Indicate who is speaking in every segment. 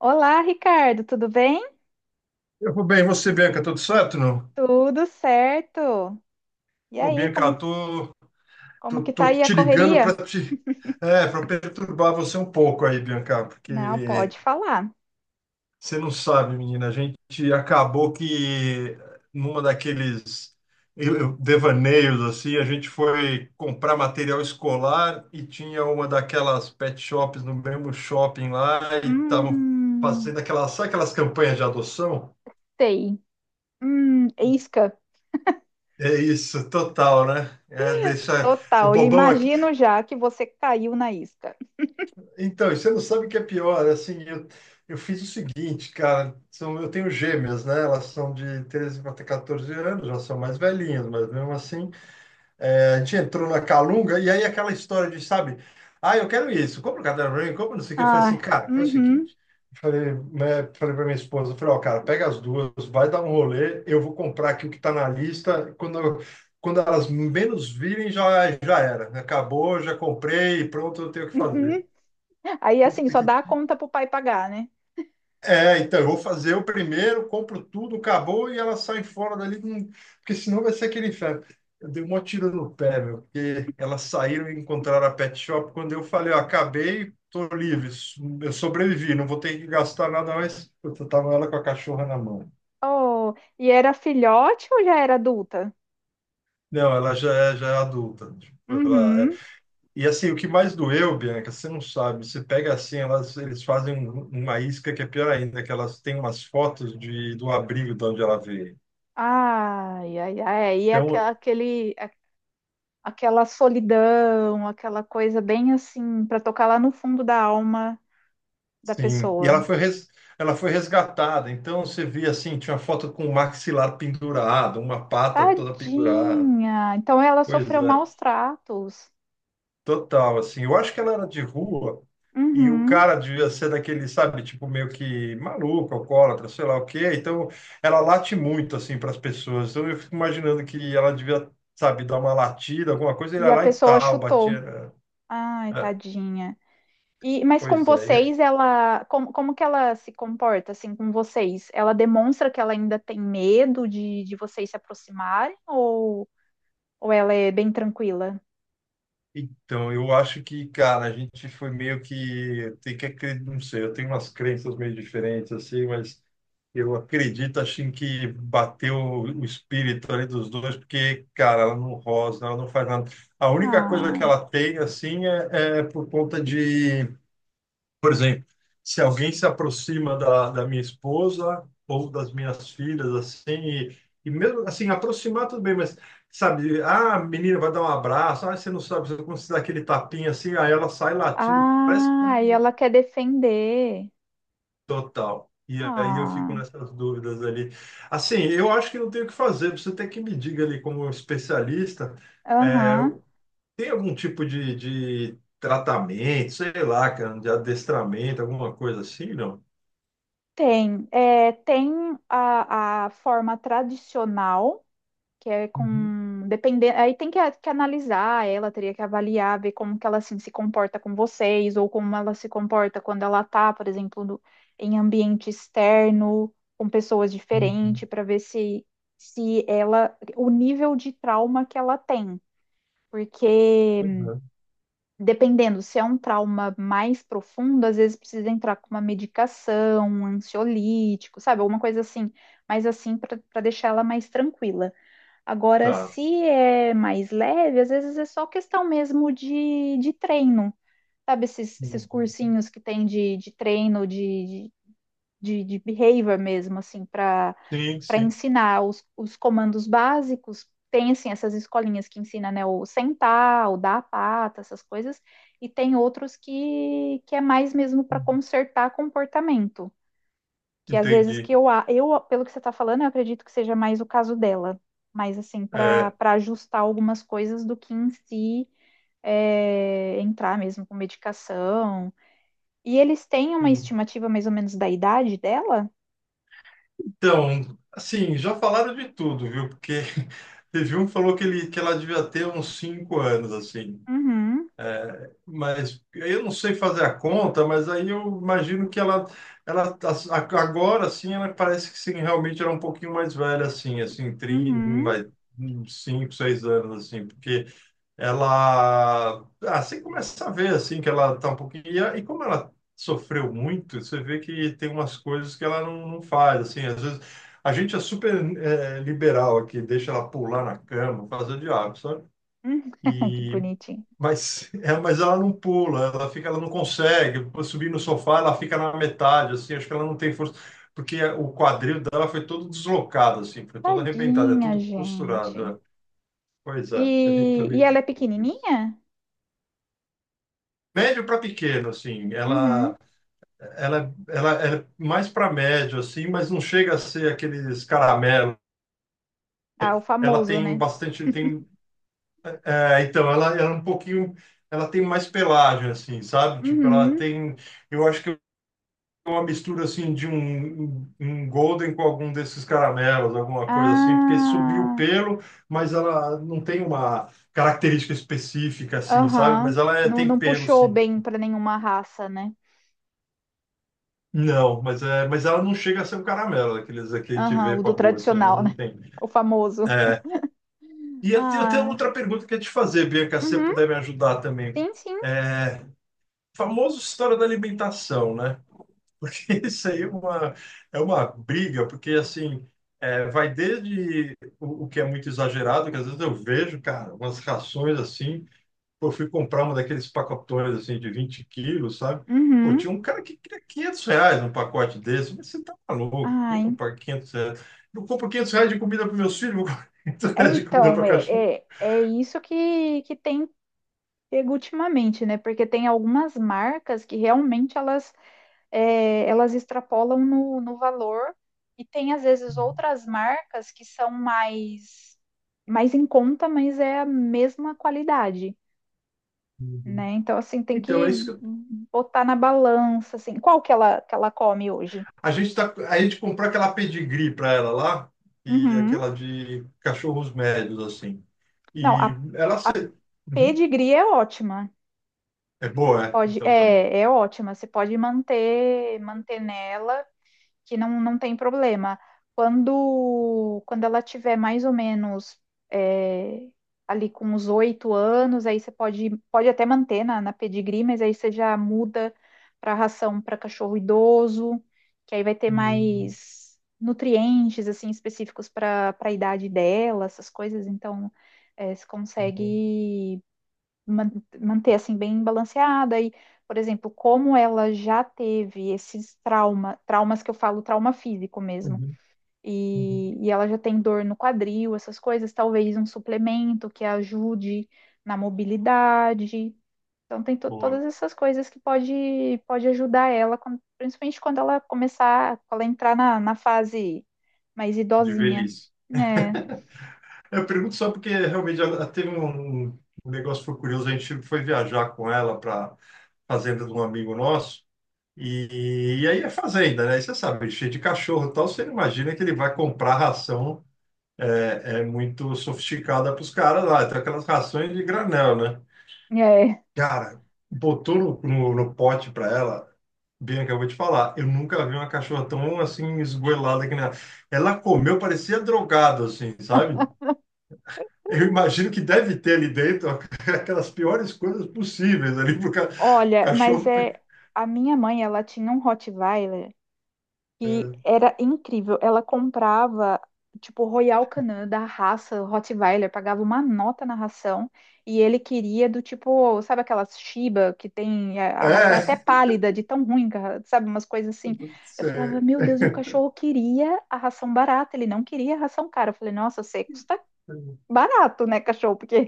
Speaker 1: Olá, Ricardo, tudo bem?
Speaker 2: Eu vou bem, e você, Bianca, tudo certo, não?
Speaker 1: Tudo certo. E
Speaker 2: Pô,
Speaker 1: aí,
Speaker 2: Bianca,
Speaker 1: como,
Speaker 2: eu tô,
Speaker 1: como
Speaker 2: tô,
Speaker 1: que tá
Speaker 2: tô
Speaker 1: aí a
Speaker 2: te ligando para
Speaker 1: correria?
Speaker 2: te, para perturbar você um pouco aí, Bianca,
Speaker 1: Não,
Speaker 2: porque
Speaker 1: pode falar.
Speaker 2: você não sabe, menina, a gente acabou que numa daqueles devaneios assim, a gente foi comprar material escolar e tinha uma daquelas pet shops no mesmo shopping lá e estavam
Speaker 1: Hum,
Speaker 2: fazendo aquelas, sabe aquelas campanhas de adoção?
Speaker 1: sei. Isca,
Speaker 2: É isso, total, né? É, deixa o
Speaker 1: total. E
Speaker 2: bobão.
Speaker 1: imagino já que você caiu na isca.
Speaker 2: Então, e você não sabe o que é pior. Assim, eu fiz o seguinte, cara. Eu tenho gêmeas, né? Elas são de 13 para 14 anos, já são mais velhinhas, mas mesmo assim. A gente entrou na Calunga e aí aquela história de, sabe? Ah, eu quero isso. Compra o caderno pra mim, compra não sei o que. Eu falei assim,
Speaker 1: Ah,
Speaker 2: cara, faz o
Speaker 1: uhum,
Speaker 2: seguinte. Eu Falei, né, falei para minha esposa, eu falei, ó, cara, pega as duas, vai dar um rolê, eu vou comprar aqui o que tá na lista. Quando elas menos virem, já era. Né, acabou, já comprei, pronto, eu tenho o que fazer.
Speaker 1: uhum. Aí assim,
Speaker 2: Puta
Speaker 1: só
Speaker 2: que...
Speaker 1: dá a conta pro pai pagar, né?
Speaker 2: É, então, eu vou fazer o primeiro, compro tudo, acabou e elas saem fora dali, porque senão vai ser aquele inferno. Eu dei um maior tiro no pé, meu, porque elas saíram e encontraram a pet shop. Quando eu falei, ó, acabei, tô livre, eu sobrevivi, não vou ter que gastar nada mais. Eu tava ela com a cachorra na mão.
Speaker 1: Oh, e era filhote ou já era adulta?
Speaker 2: Não, já é adulta. Tipo, ela é-
Speaker 1: Uhum.
Speaker 2: E assim, o que mais doeu, Bianca, você não sabe. Você pega assim, elas, eles fazem uma isca que é pior ainda, que elas têm umas fotos de, do abrigo de onde ela veio.
Speaker 1: Ai, ai, ai. Aí é aquela-
Speaker 2: Então,
Speaker 1: aquele, aquele aquela solidão, aquela coisa bem assim, para tocar lá no fundo da alma da
Speaker 2: sim,
Speaker 1: pessoa.
Speaker 2: ela foi resgatada. Então você via assim, tinha uma foto com o maxilar pendurado, uma pata toda pendurada.
Speaker 1: Tadinha! Então ela
Speaker 2: Pois
Speaker 1: sofreu
Speaker 2: é,
Speaker 1: maus tratos.
Speaker 2: total, assim. Eu acho que ela era de rua e o
Speaker 1: Uhum.
Speaker 2: cara devia ser daquele, sabe, tipo meio que maluco, alcoólatra, sei lá o quê. Então ela late muito assim para as pessoas. Então eu fico imaginando que ela devia, sabe, dar uma latida, alguma coisa, ele
Speaker 1: E
Speaker 2: ia
Speaker 1: a
Speaker 2: lá e
Speaker 1: pessoa
Speaker 2: tal, batia,
Speaker 1: chutou.
Speaker 2: né?
Speaker 1: Ai,
Speaker 2: É,
Speaker 1: tadinha. E, mas com
Speaker 2: pois é.
Speaker 1: vocês, ela, como, como que ela se comporta assim com vocês? Ela demonstra que ela ainda tem medo de vocês se aproximarem ou ela é bem tranquila?
Speaker 2: Então, eu acho que, cara, a gente foi meio que tem que acreditar, não sei, eu tenho umas crenças meio diferentes assim, mas eu acredito assim que bateu o espírito ali dos dois, porque, cara, ela não rosna, ela não faz nada. A única coisa que
Speaker 1: Ah,
Speaker 2: ela tem assim é por conta de, por exemplo, se alguém se aproxima da minha esposa ou das minhas filhas, assim, e mesmo assim, aproximar tudo bem, mas sabe, ah, a menina vai dar um abraço, ah, você não sabe você- como se dá aquele tapinha assim, aí ela sai latindo, parece que dá
Speaker 1: ah, e
Speaker 2: um
Speaker 1: ela quer defender.
Speaker 2: total. E aí eu fico
Speaker 1: Ah.
Speaker 2: nessas dúvidas ali. Assim, eu acho que não tem o que fazer, você tem que me diga ali como especialista, é,
Speaker 1: Aham.
Speaker 2: tem algum tipo de, tratamento, sei lá, cara, de adestramento, alguma coisa assim, não?
Speaker 1: Tem. É, tem a forma tradicional, que é
Speaker 2: Uhum.
Speaker 1: com. Dependendo, aí tem que analisar ela, teria que avaliar, ver como que ela assim, se comporta com vocês, ou como ela se comporta quando ela tá, por exemplo, em ambiente externo, com pessoas
Speaker 2: Uhum.
Speaker 1: diferentes, para ver se ela. O nível de trauma que ela tem. Porque.
Speaker 2: Uhum.
Speaker 1: Dependendo, se é um trauma mais profundo, às vezes precisa entrar com uma medicação, um ansiolítico, sabe? Alguma coisa assim, mas assim para deixar ela mais tranquila. Agora,
Speaker 2: Tá.
Speaker 1: se é mais leve, às vezes é só questão mesmo de treino, sabe? Esses
Speaker 2: Uhum.
Speaker 1: cursinhos que tem de treino, de behavior mesmo, assim,
Speaker 2: Sim,
Speaker 1: para
Speaker 2: sim.
Speaker 1: ensinar os comandos básicos. Tem, assim, essas escolinhas que ensina, né, o sentar, o dar a pata, essas coisas. E tem outros que é mais mesmo para
Speaker 2: Uhum.
Speaker 1: consertar comportamento. Que às vezes que
Speaker 2: Entendi.
Speaker 1: eu, a- eu, pelo que você está falando, eu acredito que seja mais o caso dela. Mas, assim,
Speaker 2: É,
Speaker 1: para ajustar algumas coisas do que em si é, entrar mesmo com medicação. E eles têm uma
Speaker 2: sim.
Speaker 1: estimativa mais ou menos da idade dela?
Speaker 2: Então, assim, já falaram de tudo, viu? Porque teve um que falou que, ele, que ela devia ter uns 5 anos, assim.
Speaker 1: Uhum.
Speaker 2: É, mas eu não sei fazer a conta, mas aí eu imagino que ela agora, assim, ela parece que sim, realmente era um pouquinho mais velha, assim, assim, 30,
Speaker 1: Uhum,
Speaker 2: mais uns 5, 6 anos, assim, porque ela assim começa a ver assim que ela tá um pouquinho e, e como ela sofreu muito você vê que tem umas coisas que ela não, não faz assim às vezes a gente é super liberal aqui, deixa ela pular na cama, fazer o diabo, sabe.
Speaker 1: uhum. Que
Speaker 2: E
Speaker 1: bonitinho.
Speaker 2: mas é, mas ela não pula, ela fica, ela não consegue subir no sofá, ela fica na metade assim, acho que ela não tem força porque o quadril dela foi todo deslocado assim, foi todo arrebentado, é
Speaker 1: Tadinha,
Speaker 2: tudo costurado,
Speaker 1: gente.
Speaker 2: né? Pois é, a gente
Speaker 1: E
Speaker 2: também
Speaker 1: ela é
Speaker 2: ficou com isso.
Speaker 1: pequenininha?
Speaker 2: Médio para pequeno, assim,
Speaker 1: Uhum.
Speaker 2: ela é mais para médio, assim, mas não chega a ser aqueles caramelos.
Speaker 1: Ah, o
Speaker 2: Ela
Speaker 1: famoso,
Speaker 2: tem
Speaker 1: né?
Speaker 2: bastante, tem, é, então, ela é um pouquinho, ela tem mais pelagem, assim, sabe? Tipo, ela
Speaker 1: Uhum.
Speaker 2: tem, eu acho que é uma mistura, assim, de um golden com algum desses caramelos, alguma coisa assim, porque subiu o
Speaker 1: Ah,
Speaker 2: pelo, mas ela não tem uma característica específica, assim, sabe?
Speaker 1: aham.
Speaker 2: Mas ela é,
Speaker 1: Não,
Speaker 2: tem
Speaker 1: não
Speaker 2: pelo,
Speaker 1: puxou
Speaker 2: sim.
Speaker 1: bem para nenhuma raça, né?
Speaker 2: Não, mas, é, mas ela não chega a ser um caramelo, daqueles que a gente
Speaker 1: Aham,
Speaker 2: vê
Speaker 1: o
Speaker 2: com
Speaker 1: do
Speaker 2: a boa, assim, não,
Speaker 1: tradicional,
Speaker 2: não
Speaker 1: né?
Speaker 2: tem.
Speaker 1: O famoso.
Speaker 2: E eu tenho
Speaker 1: Ah,
Speaker 2: outra pergunta que eu ia te fazer, Bianca, se você
Speaker 1: uhum.
Speaker 2: puder me ajudar também.
Speaker 1: Sim, sim.
Speaker 2: É, famoso história da alimentação, né? Isso aí é uma briga, porque assim, vai desde o, que é muito exagerado, que às vezes eu vejo, cara, umas rações assim, pô, eu fui comprar um daqueles pacotões assim de 20 quilos, sabe? Pô,
Speaker 1: Uhum.
Speaker 2: tinha um cara que queria R$ 500 num pacote desse. Mas você tá maluco?
Speaker 1: Ah,
Speaker 2: Eu não
Speaker 1: en-
Speaker 2: pagar R$ 500. Eu compro R$ 500 de comida para meus filhos, vou comprar 500
Speaker 1: é,
Speaker 2: reais de comida
Speaker 1: então,
Speaker 2: para cachorro.
Speaker 1: é isso que tem pego ultimamente, né? Porque tem algumas marcas que realmente elas. É, elas extrapolam no valor e tem às vezes outras marcas que são mais mais em conta, mas é a mesma qualidade,
Speaker 2: Uhum.
Speaker 1: né? Então assim tem
Speaker 2: Então,
Speaker 1: que
Speaker 2: é isso que
Speaker 1: botar na balança assim qual que ela come hoje.
Speaker 2: a gente comprou aquela pedigree para ela lá e
Speaker 1: Uhum.
Speaker 2: aquela de cachorros médios assim.
Speaker 1: Não,
Speaker 2: E
Speaker 1: a,
Speaker 2: ela se...
Speaker 1: a
Speaker 2: Uhum.
Speaker 1: pedigree é ótima.
Speaker 2: É
Speaker 1: Você
Speaker 2: boa, é.
Speaker 1: pode
Speaker 2: Então tá bom.
Speaker 1: é, é ótima. Você pode manter nela que não, não tem problema. Quando ela tiver mais ou menos é, ali com os 8 anos, aí você pode, pode até manter na pedigree, mas aí você já muda para ração para cachorro idoso, que aí vai ter
Speaker 2: Uhum.
Speaker 1: mais nutrientes assim específicos para a idade dela, essas coisas. Então, é, você
Speaker 2: Uhum.
Speaker 1: consegue man- manter assim bem balanceada e, por exemplo, como ela já teve traumas que eu falo, trauma físico mesmo,
Speaker 2: Uhum. Uhum.
Speaker 1: e ela já tem dor no quadril, essas coisas, talvez um suplemento que ajude na mobilidade. Então tem todas
Speaker 2: Boa,
Speaker 1: essas coisas que pode, pode ajudar ela, quando- principalmente quando ela começar, quando ela entrar na fase mais
Speaker 2: de
Speaker 1: idosinha,
Speaker 2: velhice.
Speaker 1: né?
Speaker 2: Eu pergunto só porque realmente ela teve um negócio que foi curioso. A gente foi viajar com ela para fazenda de um amigo nosso. E aí é fazenda, né? E você sabe, cheio de cachorro e tal. Você não imagina que ele vai comprar ração é muito sofisticada para os caras lá. Então, aquelas rações de granel, né?
Speaker 1: É.
Speaker 2: Cara, botou no pote para ela. Bianca, eu vou te falar, eu nunca vi uma cachorra tão assim esgoelada que nem ela. Ela comeu, parecia drogada, assim, sabe? Eu imagino que deve ter ali dentro aquelas piores coisas possíveis ali pro ca... o
Speaker 1: Olha, mas
Speaker 2: cachorro. Pe...
Speaker 1: é, a minha mãe, ela tinha um Rottweiler que
Speaker 2: É,
Speaker 1: era incrível. Ela comprava, tipo, Royal Canin da raça Rottweiler, pagava uma nota na ração e ele queria do tipo, sabe aquelas Shiba que tem a ração é
Speaker 2: é,
Speaker 1: até pálida, de tão ruim, que a- sabe, umas coisas assim. Eu
Speaker 2: cê...
Speaker 1: falava, meu Deus, e o cachorro queria a ração barata, ele não queria a ração cara. Eu falei, nossa, você custa barato, né, cachorro? Porque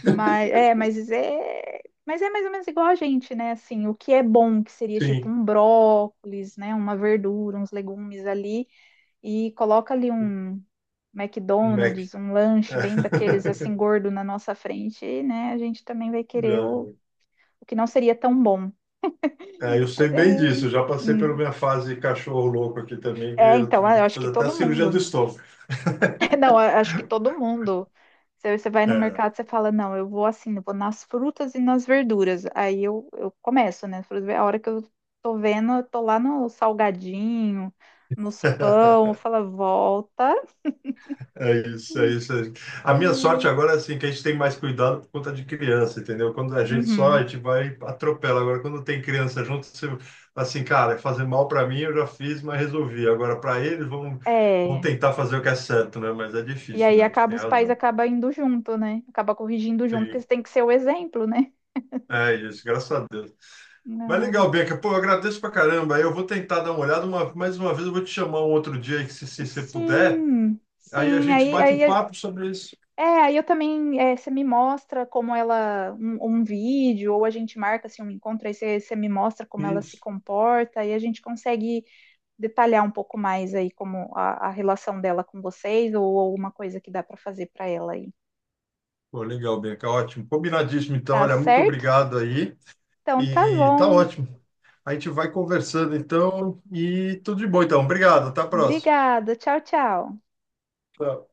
Speaker 1: mas é mais ou menos igual a gente, né? Assim, o que é bom, que seria tipo
Speaker 2: sim,
Speaker 1: um brócolis, né? Uma verdura, uns legumes ali, e coloca ali um
Speaker 2: um Mac.
Speaker 1: McDonald's, um lanche bem daqueles
Speaker 2: É.
Speaker 1: assim gordo na nossa frente, e, né? A gente também vai querer
Speaker 2: Já...
Speaker 1: o que não seria tão bom.
Speaker 2: é, eu sei
Speaker 1: Mas é,
Speaker 2: bem disso, eu já passei pela
Speaker 1: hum,
Speaker 2: minha fase cachorro louco aqui também, que
Speaker 1: é
Speaker 2: eu
Speaker 1: então,
Speaker 2: tive
Speaker 1: eu
Speaker 2: que
Speaker 1: acho que
Speaker 2: fazer até a
Speaker 1: todo
Speaker 2: cirurgia do
Speaker 1: mundo.
Speaker 2: estômago.
Speaker 1: É, não, a- acho que todo mundo. Você vai no
Speaker 2: É.
Speaker 1: mercado, você fala, não, eu vou assim, eu vou nas frutas e nas verduras. Eu começo, né? Frutas. A hora que eu tô vendo, eu tô lá no salgadinho, nos pão, eu falo volta.
Speaker 2: É isso, é isso. É isso. A minha sorte
Speaker 1: Hum,
Speaker 2: agora é assim, que a gente tem mais cuidado por conta de criança, entendeu? Quando a gente só, a
Speaker 1: Uhum.
Speaker 2: gente vai atropela. Agora, quando tem criança junto, você, assim, cara, é fazer mal para mim eu já fiz, mas resolvi. Agora, para eles, vão
Speaker 1: É.
Speaker 2: tentar fazer o que é certo, né? Mas é
Speaker 1: E
Speaker 2: difícil
Speaker 1: aí
Speaker 2: mesmo,
Speaker 1: acaba,
Speaker 2: tem
Speaker 1: os pais
Speaker 2: razão.
Speaker 1: acabam indo junto, né? Acaba corrigindo junto, porque
Speaker 2: Sim,
Speaker 1: você tem que ser o exemplo, né?
Speaker 2: é isso, graças a Deus. Mas
Speaker 1: Ah,
Speaker 2: legal, Bianca. Pô, eu agradeço pra caramba. Aí eu vou tentar dar uma olhada. Mais uma vez, eu vou te chamar um outro dia, aí, se você puder.
Speaker 1: sim,
Speaker 2: Aí a
Speaker 1: sim.
Speaker 2: gente
Speaker 1: Aí,
Speaker 2: bate um
Speaker 1: aí
Speaker 2: papo sobre isso.
Speaker 1: é, aí eu também, é, você me mostra como ela, um vídeo, ou a gente marca assim, um encontro, aí você, você me mostra como ela se
Speaker 2: Isso.
Speaker 1: comporta, e a gente consegue detalhar um pouco mais aí como a relação dela com vocês, ou alguma coisa que dá para fazer para ela aí.
Speaker 2: Pô, legal, Bianca. Ótimo. Combinadíssimo, então.
Speaker 1: Tá
Speaker 2: Olha, muito
Speaker 1: certo?
Speaker 2: obrigado aí.
Speaker 1: Então tá
Speaker 2: E tá
Speaker 1: bom.
Speaker 2: ótimo. A gente vai conversando, então. E tudo de bom, então. Obrigado. Até a próxima.
Speaker 1: Obrigada. Tchau, tchau.
Speaker 2: Tchau.